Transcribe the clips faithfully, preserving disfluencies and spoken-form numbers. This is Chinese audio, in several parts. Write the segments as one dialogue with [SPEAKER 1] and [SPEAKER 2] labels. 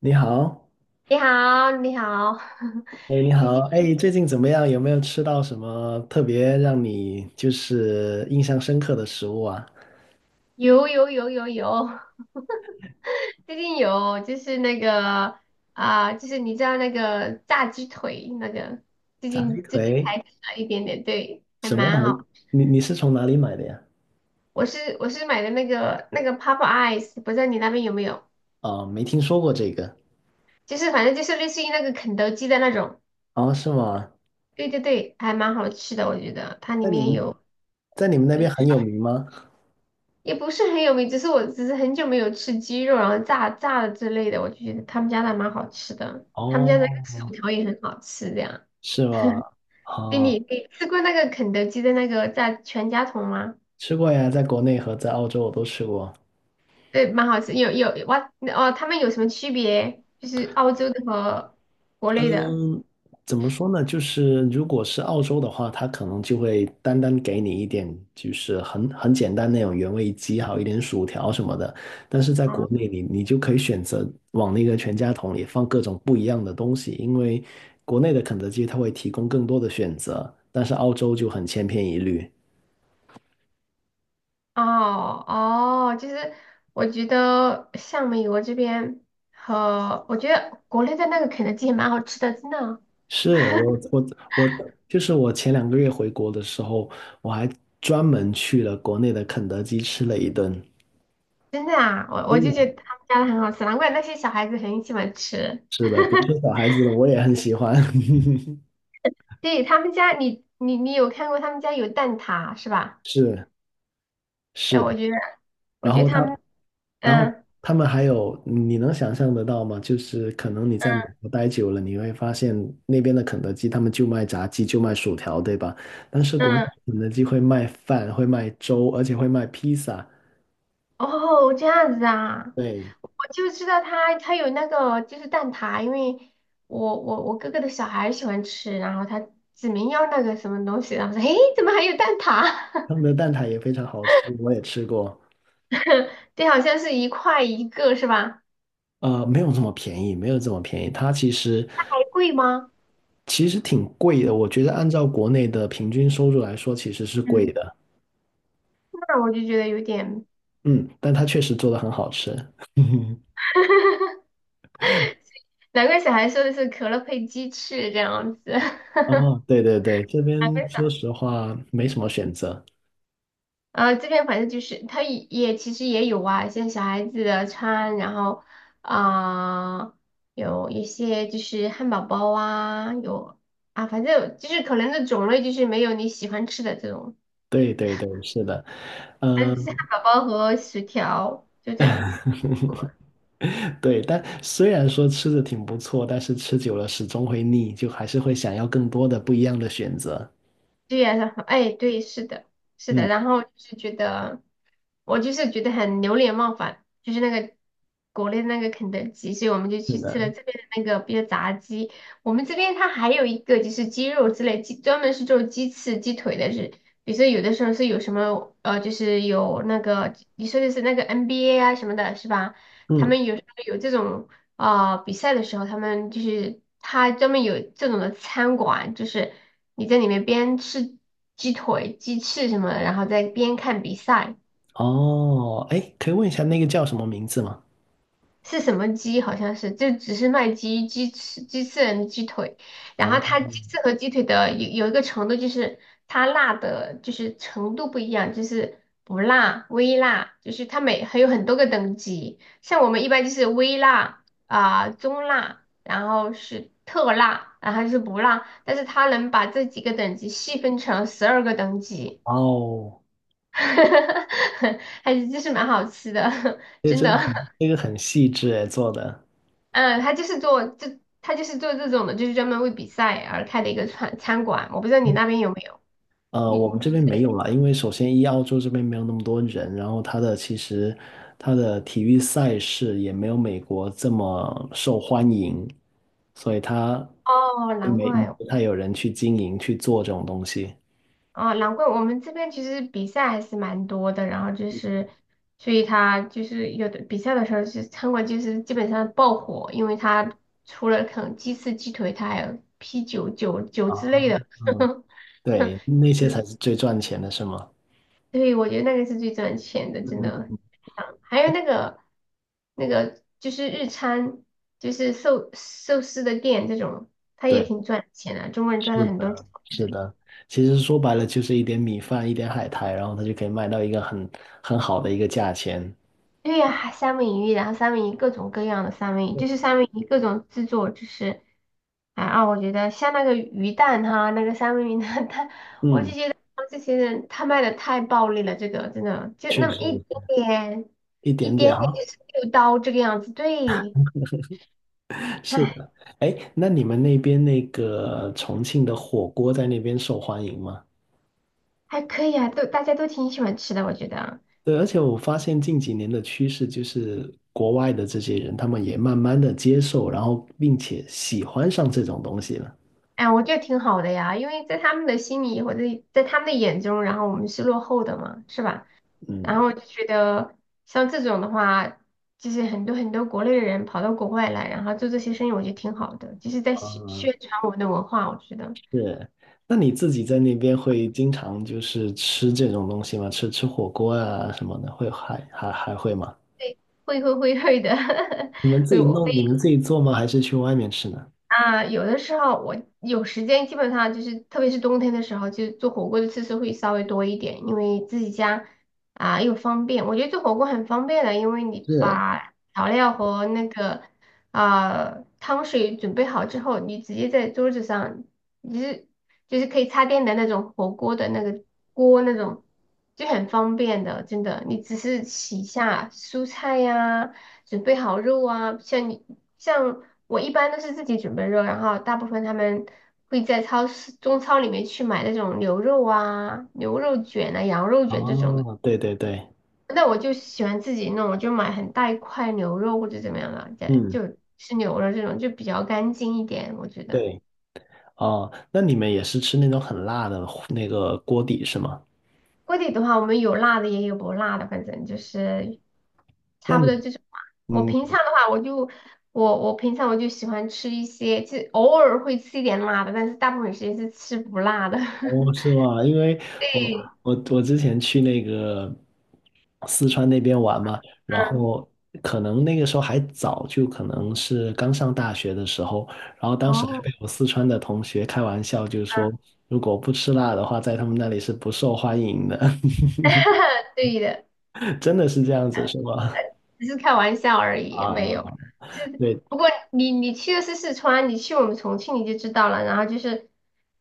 [SPEAKER 1] 你好，
[SPEAKER 2] 你好，你好，
[SPEAKER 1] 哎，你
[SPEAKER 2] 最
[SPEAKER 1] 好，
[SPEAKER 2] 近
[SPEAKER 1] 哎，最近怎么样？有没有吃到什么特别让你就是印象深刻的食物啊？
[SPEAKER 2] 有有有有有，最近有就是那个啊、就是你知道那个炸鸡腿那个，最
[SPEAKER 1] 炸鸡
[SPEAKER 2] 近最近
[SPEAKER 1] 腿
[SPEAKER 2] 才吃了一点点，对，还
[SPEAKER 1] 什么好？
[SPEAKER 2] 蛮好。
[SPEAKER 1] 你你是从哪里买的呀？
[SPEAKER 2] 我是我是买的那个那个 Pop Eyes，不知道你那边有没有？
[SPEAKER 1] 哦，没听说过这个。
[SPEAKER 2] 就是反正就是类似于那个肯德基的那种，
[SPEAKER 1] 哦，是吗？
[SPEAKER 2] 对对对，还蛮好吃的，我觉得它里
[SPEAKER 1] 在你
[SPEAKER 2] 面
[SPEAKER 1] 们
[SPEAKER 2] 有。
[SPEAKER 1] 在你们那边很有名吗？
[SPEAKER 2] 也不是很有名，只是我只是很久没有吃鸡肉，然后炸炸的之类的，我就觉得他们家的蛮好吃的，他们家的那个薯
[SPEAKER 1] 哦，
[SPEAKER 2] 条也很好吃，这样。
[SPEAKER 1] 是吗？
[SPEAKER 2] 对你
[SPEAKER 1] 哦，
[SPEAKER 2] 你吃过那个肯德基的那个炸全家桶吗？
[SPEAKER 1] 吃过呀，在国内和在澳洲我都吃过。
[SPEAKER 2] 对，蛮好吃。有有哇哦，他们有什么区别？就是澳洲的和国内的。
[SPEAKER 1] 嗯，怎么说呢？就是如果是澳洲的话，它可能就会单单给你一点，就是很很简单那种原味鸡，还有一点薯条什么的。但是在国
[SPEAKER 2] 哦
[SPEAKER 1] 内你，你就可以选择往那个全家桶里放各种不一样的东西，因为国内的肯德基它会提供更多的选择，但是澳洲就很千篇一律。
[SPEAKER 2] 哦哦，就是我觉得像美国这边和我觉得国内的那个肯德基也蛮好吃的，真的。
[SPEAKER 1] 是我我我，就是我前两个月回国的时候，我还专门去了国内的肯德基吃了一顿。
[SPEAKER 2] 真的啊，我我
[SPEAKER 1] 真
[SPEAKER 2] 就
[SPEAKER 1] 的。
[SPEAKER 2] 觉得他们家的很好吃，难怪那些小孩子很喜欢吃。
[SPEAKER 1] 是的，别说小孩子了，我也很喜欢。
[SPEAKER 2] 对，他们家，你你你有看过他们家有蛋挞是吧？
[SPEAKER 1] 是
[SPEAKER 2] 哎，
[SPEAKER 1] 是的，
[SPEAKER 2] 我觉得我
[SPEAKER 1] 然
[SPEAKER 2] 觉
[SPEAKER 1] 后
[SPEAKER 2] 得他
[SPEAKER 1] 他，
[SPEAKER 2] 们，
[SPEAKER 1] 然后
[SPEAKER 2] 嗯
[SPEAKER 1] 他们还有，你能想象得到吗？就是可能你在美
[SPEAKER 2] 嗯
[SPEAKER 1] 国待久了，你会发现那边的肯德基他们就卖炸鸡，就卖薯条，对吧？但是国内
[SPEAKER 2] 嗯，
[SPEAKER 1] 肯德基会卖饭，会卖粥，而且会卖披萨。
[SPEAKER 2] 哦，这样子啊，
[SPEAKER 1] 对，
[SPEAKER 2] 我就知道他他有那个就是蛋挞，因为我我我哥哥的小孩喜欢吃，然后他指明要那个什么东西，然后说，诶，怎么还有蛋挞？
[SPEAKER 1] 他们的蛋挞也非常好吃，我也吃过。
[SPEAKER 2] 对，好像是一块一个是吧？
[SPEAKER 1] 呃，没有这么便宜，没有这么便宜。它其实
[SPEAKER 2] 还贵吗？
[SPEAKER 1] 其实挺贵的，我觉得按照国内的平均收入来说，其实是贵
[SPEAKER 2] 嗯，
[SPEAKER 1] 的。
[SPEAKER 2] 那我就觉得有点。
[SPEAKER 1] 嗯，但它确实做的很好吃。
[SPEAKER 2] 难怪小孩说的是可乐配鸡翅这样子，难
[SPEAKER 1] 哦，对对对，这
[SPEAKER 2] 怪
[SPEAKER 1] 边
[SPEAKER 2] 小
[SPEAKER 1] 说实话没什么选择。
[SPEAKER 2] 呃这边反正就是他也也其实也有啊，像小孩子的餐，然后啊、有一些就是汉堡包啊，有啊反正就是可能的种类就是没有你喜欢吃的这种，
[SPEAKER 1] 对对对，是的，
[SPEAKER 2] 但
[SPEAKER 1] 嗯，
[SPEAKER 2] 就是汉堡包和薯条就这样子。
[SPEAKER 1] 对。但虽然说吃的挺不错，但是吃久了始终会腻，就还是会想要更多的不一样的选择。
[SPEAKER 2] 对呀，然后哎，对，是的，是的，
[SPEAKER 1] 嗯，
[SPEAKER 2] 然后就是觉得，我就是觉得很流连忘返，就是那个国内的那个肯德基，所以我们就
[SPEAKER 1] 是
[SPEAKER 2] 去吃了
[SPEAKER 1] 的，
[SPEAKER 2] 这边的那个，比如炸鸡，我们这边它还有一个就是鸡肉之类，鸡专门是做鸡翅、鸡腿的，是，比如说有的时候是有什么呃，就是有那个你说的是那个 N B A 啊什么的，是吧？他
[SPEAKER 1] 嗯，
[SPEAKER 2] 们有时候有这种。啊、比赛的时候，他们就是他专门有这种的餐馆，就是你在里面边吃鸡腿、鸡翅什么的，然后再边看比赛。
[SPEAKER 1] 哦，哎，可以问一下那个叫什么名字吗？
[SPEAKER 2] 是什么鸡？好像是，就只是卖鸡、鸡翅、鸡翅人、鸡腿。然后
[SPEAKER 1] 哦，
[SPEAKER 2] 它鸡翅和鸡腿的有有一个程度，就是它辣的，就是程度不一样，就是不辣、微辣，就是它每还有很多个等级。像我们一般就是微辣啊、中辣，然后是特辣，然后就是不辣。但是它能把这几个等级细分成十二个等级，
[SPEAKER 1] 哦，
[SPEAKER 2] 还是就是蛮好吃的，
[SPEAKER 1] 这个
[SPEAKER 2] 真
[SPEAKER 1] 真的
[SPEAKER 2] 的。
[SPEAKER 1] 很，这个很细致诶，做的。
[SPEAKER 2] 嗯，他就是做这，他就是做这种的，就是专门为比赛而开的一个餐餐馆。我不知道你那 边有没有？
[SPEAKER 1] 呃，
[SPEAKER 2] 你
[SPEAKER 1] 我们
[SPEAKER 2] 你
[SPEAKER 1] 这边没有了，因为首先一澳洲这边没有那么多人，然后它的其实它的体育赛事也没有美国这么受欢迎，所以它
[SPEAKER 2] 哦，
[SPEAKER 1] 并
[SPEAKER 2] 难
[SPEAKER 1] 没
[SPEAKER 2] 怪哦，
[SPEAKER 1] 不太有人去经营去做这种东西
[SPEAKER 2] 哦难怪我们这边其实比赛还是蛮多的。然后就是，所以他就是有的比赛的时候，就是餐馆就是基本上爆火，因为他除了啃鸡翅、鸡腿，他还有啤酒、酒酒
[SPEAKER 1] 啊，
[SPEAKER 2] 之类的。
[SPEAKER 1] 嗯，对，那些才是最赚钱的，是吗？
[SPEAKER 2] 对，我觉得那个是最赚钱的，
[SPEAKER 1] 嗯
[SPEAKER 2] 真
[SPEAKER 1] 嗯
[SPEAKER 2] 的。
[SPEAKER 1] 嗯，
[SPEAKER 2] 啊还有那个那个就是日餐，就是寿寿司的店这种，它也
[SPEAKER 1] 对，
[SPEAKER 2] 挺赚钱的，中国人赚了
[SPEAKER 1] 是
[SPEAKER 2] 很多
[SPEAKER 1] 的，
[SPEAKER 2] 钱。
[SPEAKER 1] 是的，其实说白了就是一点米饭，一点海苔，然后它就可以卖到一个很很好的一个价钱，
[SPEAKER 2] 对呀、还三文鱼，然后三文鱼各种各样的三文鱼，就是三文鱼各种制作，就是啊啊，我觉得像那个鱼蛋哈，那个三文鱼的蛋，
[SPEAKER 1] 嗯，
[SPEAKER 2] 他这些人他卖的太暴利了，这个真的就
[SPEAKER 1] 确
[SPEAKER 2] 那么
[SPEAKER 1] 实
[SPEAKER 2] 一点点，
[SPEAKER 1] 一
[SPEAKER 2] 一
[SPEAKER 1] 点点。
[SPEAKER 2] 点点
[SPEAKER 1] 啊。
[SPEAKER 2] 就是六刀这个样子，对。
[SPEAKER 1] 是的，哎，那你们那边那个重庆的火锅在那边受欢迎吗？
[SPEAKER 2] 还可以啊，都大家都挺喜欢吃的，我觉得，
[SPEAKER 1] 对，而且我发现近几年的趋势就是国外的这些人，他们也慢慢的接受，然后并且喜欢上这种东西了。
[SPEAKER 2] 哎，我觉得挺好的呀，因为在他们的心里或者在他们的眼中，然后我们是落后的嘛，是吧？然
[SPEAKER 1] 嗯。
[SPEAKER 2] 后就觉得像这种的话，就是很多很多国内的人跑到国外来，然后做这些生意，我觉得挺好的，就是在宣宣传我们的文化，我觉得
[SPEAKER 1] 是，那你自己在那边会经常就是吃这种东西吗？吃吃火锅啊什么的，会还还还会吗？
[SPEAKER 2] 会会会会的，
[SPEAKER 1] 你们自
[SPEAKER 2] 会
[SPEAKER 1] 己
[SPEAKER 2] 我
[SPEAKER 1] 弄，你们自己做吗？还是去外面吃呢？
[SPEAKER 2] 啊，有的时候我有时间，基本上就是，特别是冬天的时候，就做火锅的次数会稍微多一点，因为自己家啊又方便。我觉得做火锅很方便的，因为你
[SPEAKER 1] 是。
[SPEAKER 2] 把调料和那个啊、汤水准备好之后，你直接在桌子上，你是就是可以插电的那种火锅的那个锅那种，就很方便的，真的。你只是洗一下蔬菜呀、准备好肉啊，像你像我一般都是自己准备肉，然后大部分他们会在超市中超里面去买那种牛肉啊、牛肉卷啊、羊肉卷这种的。
[SPEAKER 1] 哦，对对对，
[SPEAKER 2] 那我就喜欢自己弄，我就买很大一块牛肉或者怎么样的，这
[SPEAKER 1] 嗯，
[SPEAKER 2] 就吃牛肉这种就比较干净一点，我觉得。
[SPEAKER 1] 对。哦，那你们也是吃那种很辣的那个锅底是吗？
[SPEAKER 2] 锅底的话，我们有辣的也有不辣的，反正就是
[SPEAKER 1] 那
[SPEAKER 2] 差不
[SPEAKER 1] 你，
[SPEAKER 2] 多这种吧。我
[SPEAKER 1] 嗯，
[SPEAKER 2] 平常的话，我就我我平常我就喜欢吃一些，就偶尔会吃一点辣的，但是大部分时间是吃不辣的。
[SPEAKER 1] 哦，是吗？因为我
[SPEAKER 2] 对，
[SPEAKER 1] 我我之前去那个四川那边玩嘛，然
[SPEAKER 2] 嗯，
[SPEAKER 1] 后可能那个时候还早，就可能是刚上大学的时候，然后当时还
[SPEAKER 2] 哦，
[SPEAKER 1] 被我四川的同学开玩笑，就是
[SPEAKER 2] 嗯，
[SPEAKER 1] 说如果不吃辣的话，在他们那里是不受欢迎的，
[SPEAKER 2] 对的。
[SPEAKER 1] 真的是这样子是吗？
[SPEAKER 2] 只是开玩笑而
[SPEAKER 1] 啊，
[SPEAKER 2] 已，没有。
[SPEAKER 1] 啊，
[SPEAKER 2] 是，
[SPEAKER 1] 对，
[SPEAKER 2] 不过你你去的是四川，你去我们重庆你就知道了。然后就是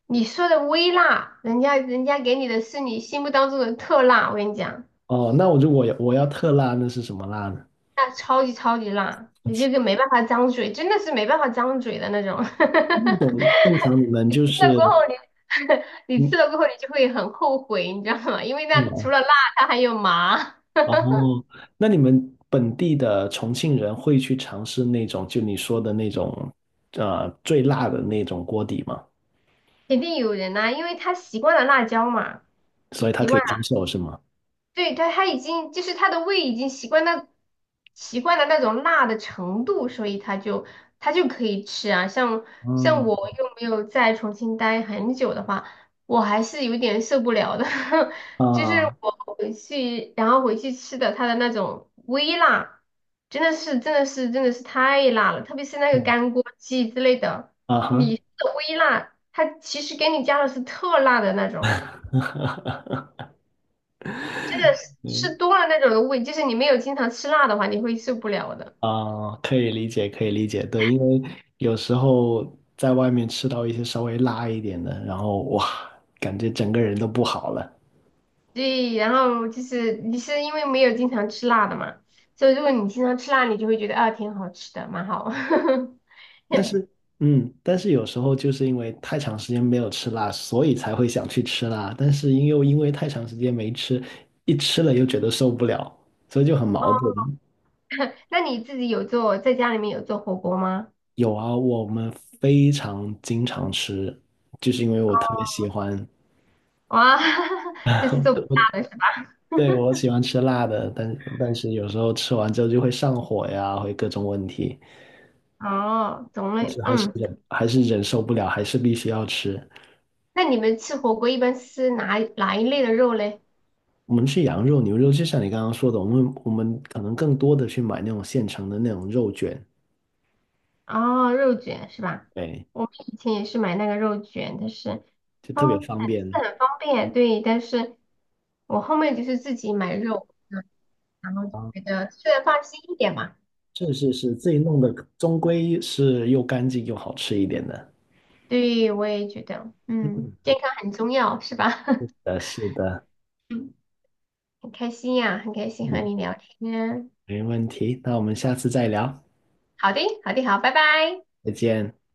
[SPEAKER 2] 你说的微辣，人家人家给你的是你心目当中的特辣。我跟你讲，
[SPEAKER 1] 哦，那我如果要我要特辣，那是什么辣呢？
[SPEAKER 2] 那超级超级辣，你这个没办法张嘴，真的是没办法张嘴的那种。
[SPEAKER 1] 那
[SPEAKER 2] 吃
[SPEAKER 1] 种正常你们就
[SPEAKER 2] 了
[SPEAKER 1] 是
[SPEAKER 2] 过后你 你
[SPEAKER 1] 嗯
[SPEAKER 2] 吃了过后你就会很后悔，你知道吗？因为那除
[SPEAKER 1] 嗯
[SPEAKER 2] 了辣，它还有麻，
[SPEAKER 1] 哦，那你们本地的重庆人会去尝试那种就你说的那种呃最辣的那种锅底吗？
[SPEAKER 2] 肯定有人呐、因为他习惯了辣椒嘛。
[SPEAKER 1] 所以他
[SPEAKER 2] 习
[SPEAKER 1] 可以
[SPEAKER 2] 惯。
[SPEAKER 1] 接
[SPEAKER 2] 了。
[SPEAKER 1] 受是吗？
[SPEAKER 2] 对，他他已经就是他的胃已经习惯那习惯了那种辣的程度，所以他就他就可以吃啊。像像
[SPEAKER 1] 嗯
[SPEAKER 2] 我又没有在重庆待很久的话，我还是有点受不了的。就是
[SPEAKER 1] 啊
[SPEAKER 2] 我回去，然后回去吃的它的那种微辣，真的是真的是真的是太辣了，特别是那个
[SPEAKER 1] 嗯
[SPEAKER 2] 干锅鸡之类的，
[SPEAKER 1] 啊哈，
[SPEAKER 2] 你的微辣，它其实给你加的是特辣的那种。真的是吃
[SPEAKER 1] 嗯
[SPEAKER 2] 多了那种的胃，就是你没有经常吃辣的话，你会受不了的。
[SPEAKER 1] 啊，可以理解，可以理解，对，因为有时候在外面吃到一些稍微辣一点的，然后哇，感觉整个人都不好了。
[SPEAKER 2] 对，然后就是你是因为没有经常吃辣的嘛，所以如果你经常吃辣，你就会觉得啊，挺好吃的，蛮好。
[SPEAKER 1] 但是，嗯，但是有时候就是因为太长时间没有吃辣，所以才会想去吃辣。但是因又因为太长时间没吃，一吃了又觉得受不了，所以就很矛盾。
[SPEAKER 2] 那你自己有做，在家里面有做火锅吗？
[SPEAKER 1] 有啊，我们非常经常吃，就是因为我特别喜欢，
[SPEAKER 2] 哇，就是做不 辣的是吧？
[SPEAKER 1] 对，我喜欢吃辣的，但但是有时候吃完之后就会上火呀，会各种问题，
[SPEAKER 2] 哦，种
[SPEAKER 1] 但
[SPEAKER 2] 类，
[SPEAKER 1] 是还是
[SPEAKER 2] 嗯。
[SPEAKER 1] 忍还是忍受不了，还是必须要吃。
[SPEAKER 2] 那你们吃火锅一般是哪哪一类的肉嘞？
[SPEAKER 1] 我们吃羊肉、牛肉，就像你刚刚说的，我们我们可能更多的去买那种现成的那种肉卷，
[SPEAKER 2] 哦，肉卷是吧？
[SPEAKER 1] 对，
[SPEAKER 2] 我们以前也是买那个肉卷，但是
[SPEAKER 1] 就特别
[SPEAKER 2] 方是
[SPEAKER 1] 方便
[SPEAKER 2] 很方便，对，但是。我后面就是自己买肉，嗯，然后就觉
[SPEAKER 1] 啊。
[SPEAKER 2] 得吃的放心一点嘛。
[SPEAKER 1] 是是是，自己弄的终归是又干净又好吃一点的。
[SPEAKER 2] 对，我也觉得，
[SPEAKER 1] 嗯，
[SPEAKER 2] 嗯，
[SPEAKER 1] 是
[SPEAKER 2] 健康很重要，是吧？
[SPEAKER 1] 的，是的，
[SPEAKER 2] 嗯，很开心呀，很开心和
[SPEAKER 1] 嗯，
[SPEAKER 2] 你聊天。
[SPEAKER 1] 没问题。那我们下次再聊，
[SPEAKER 2] 好的，好的，好，拜拜。
[SPEAKER 1] 再见。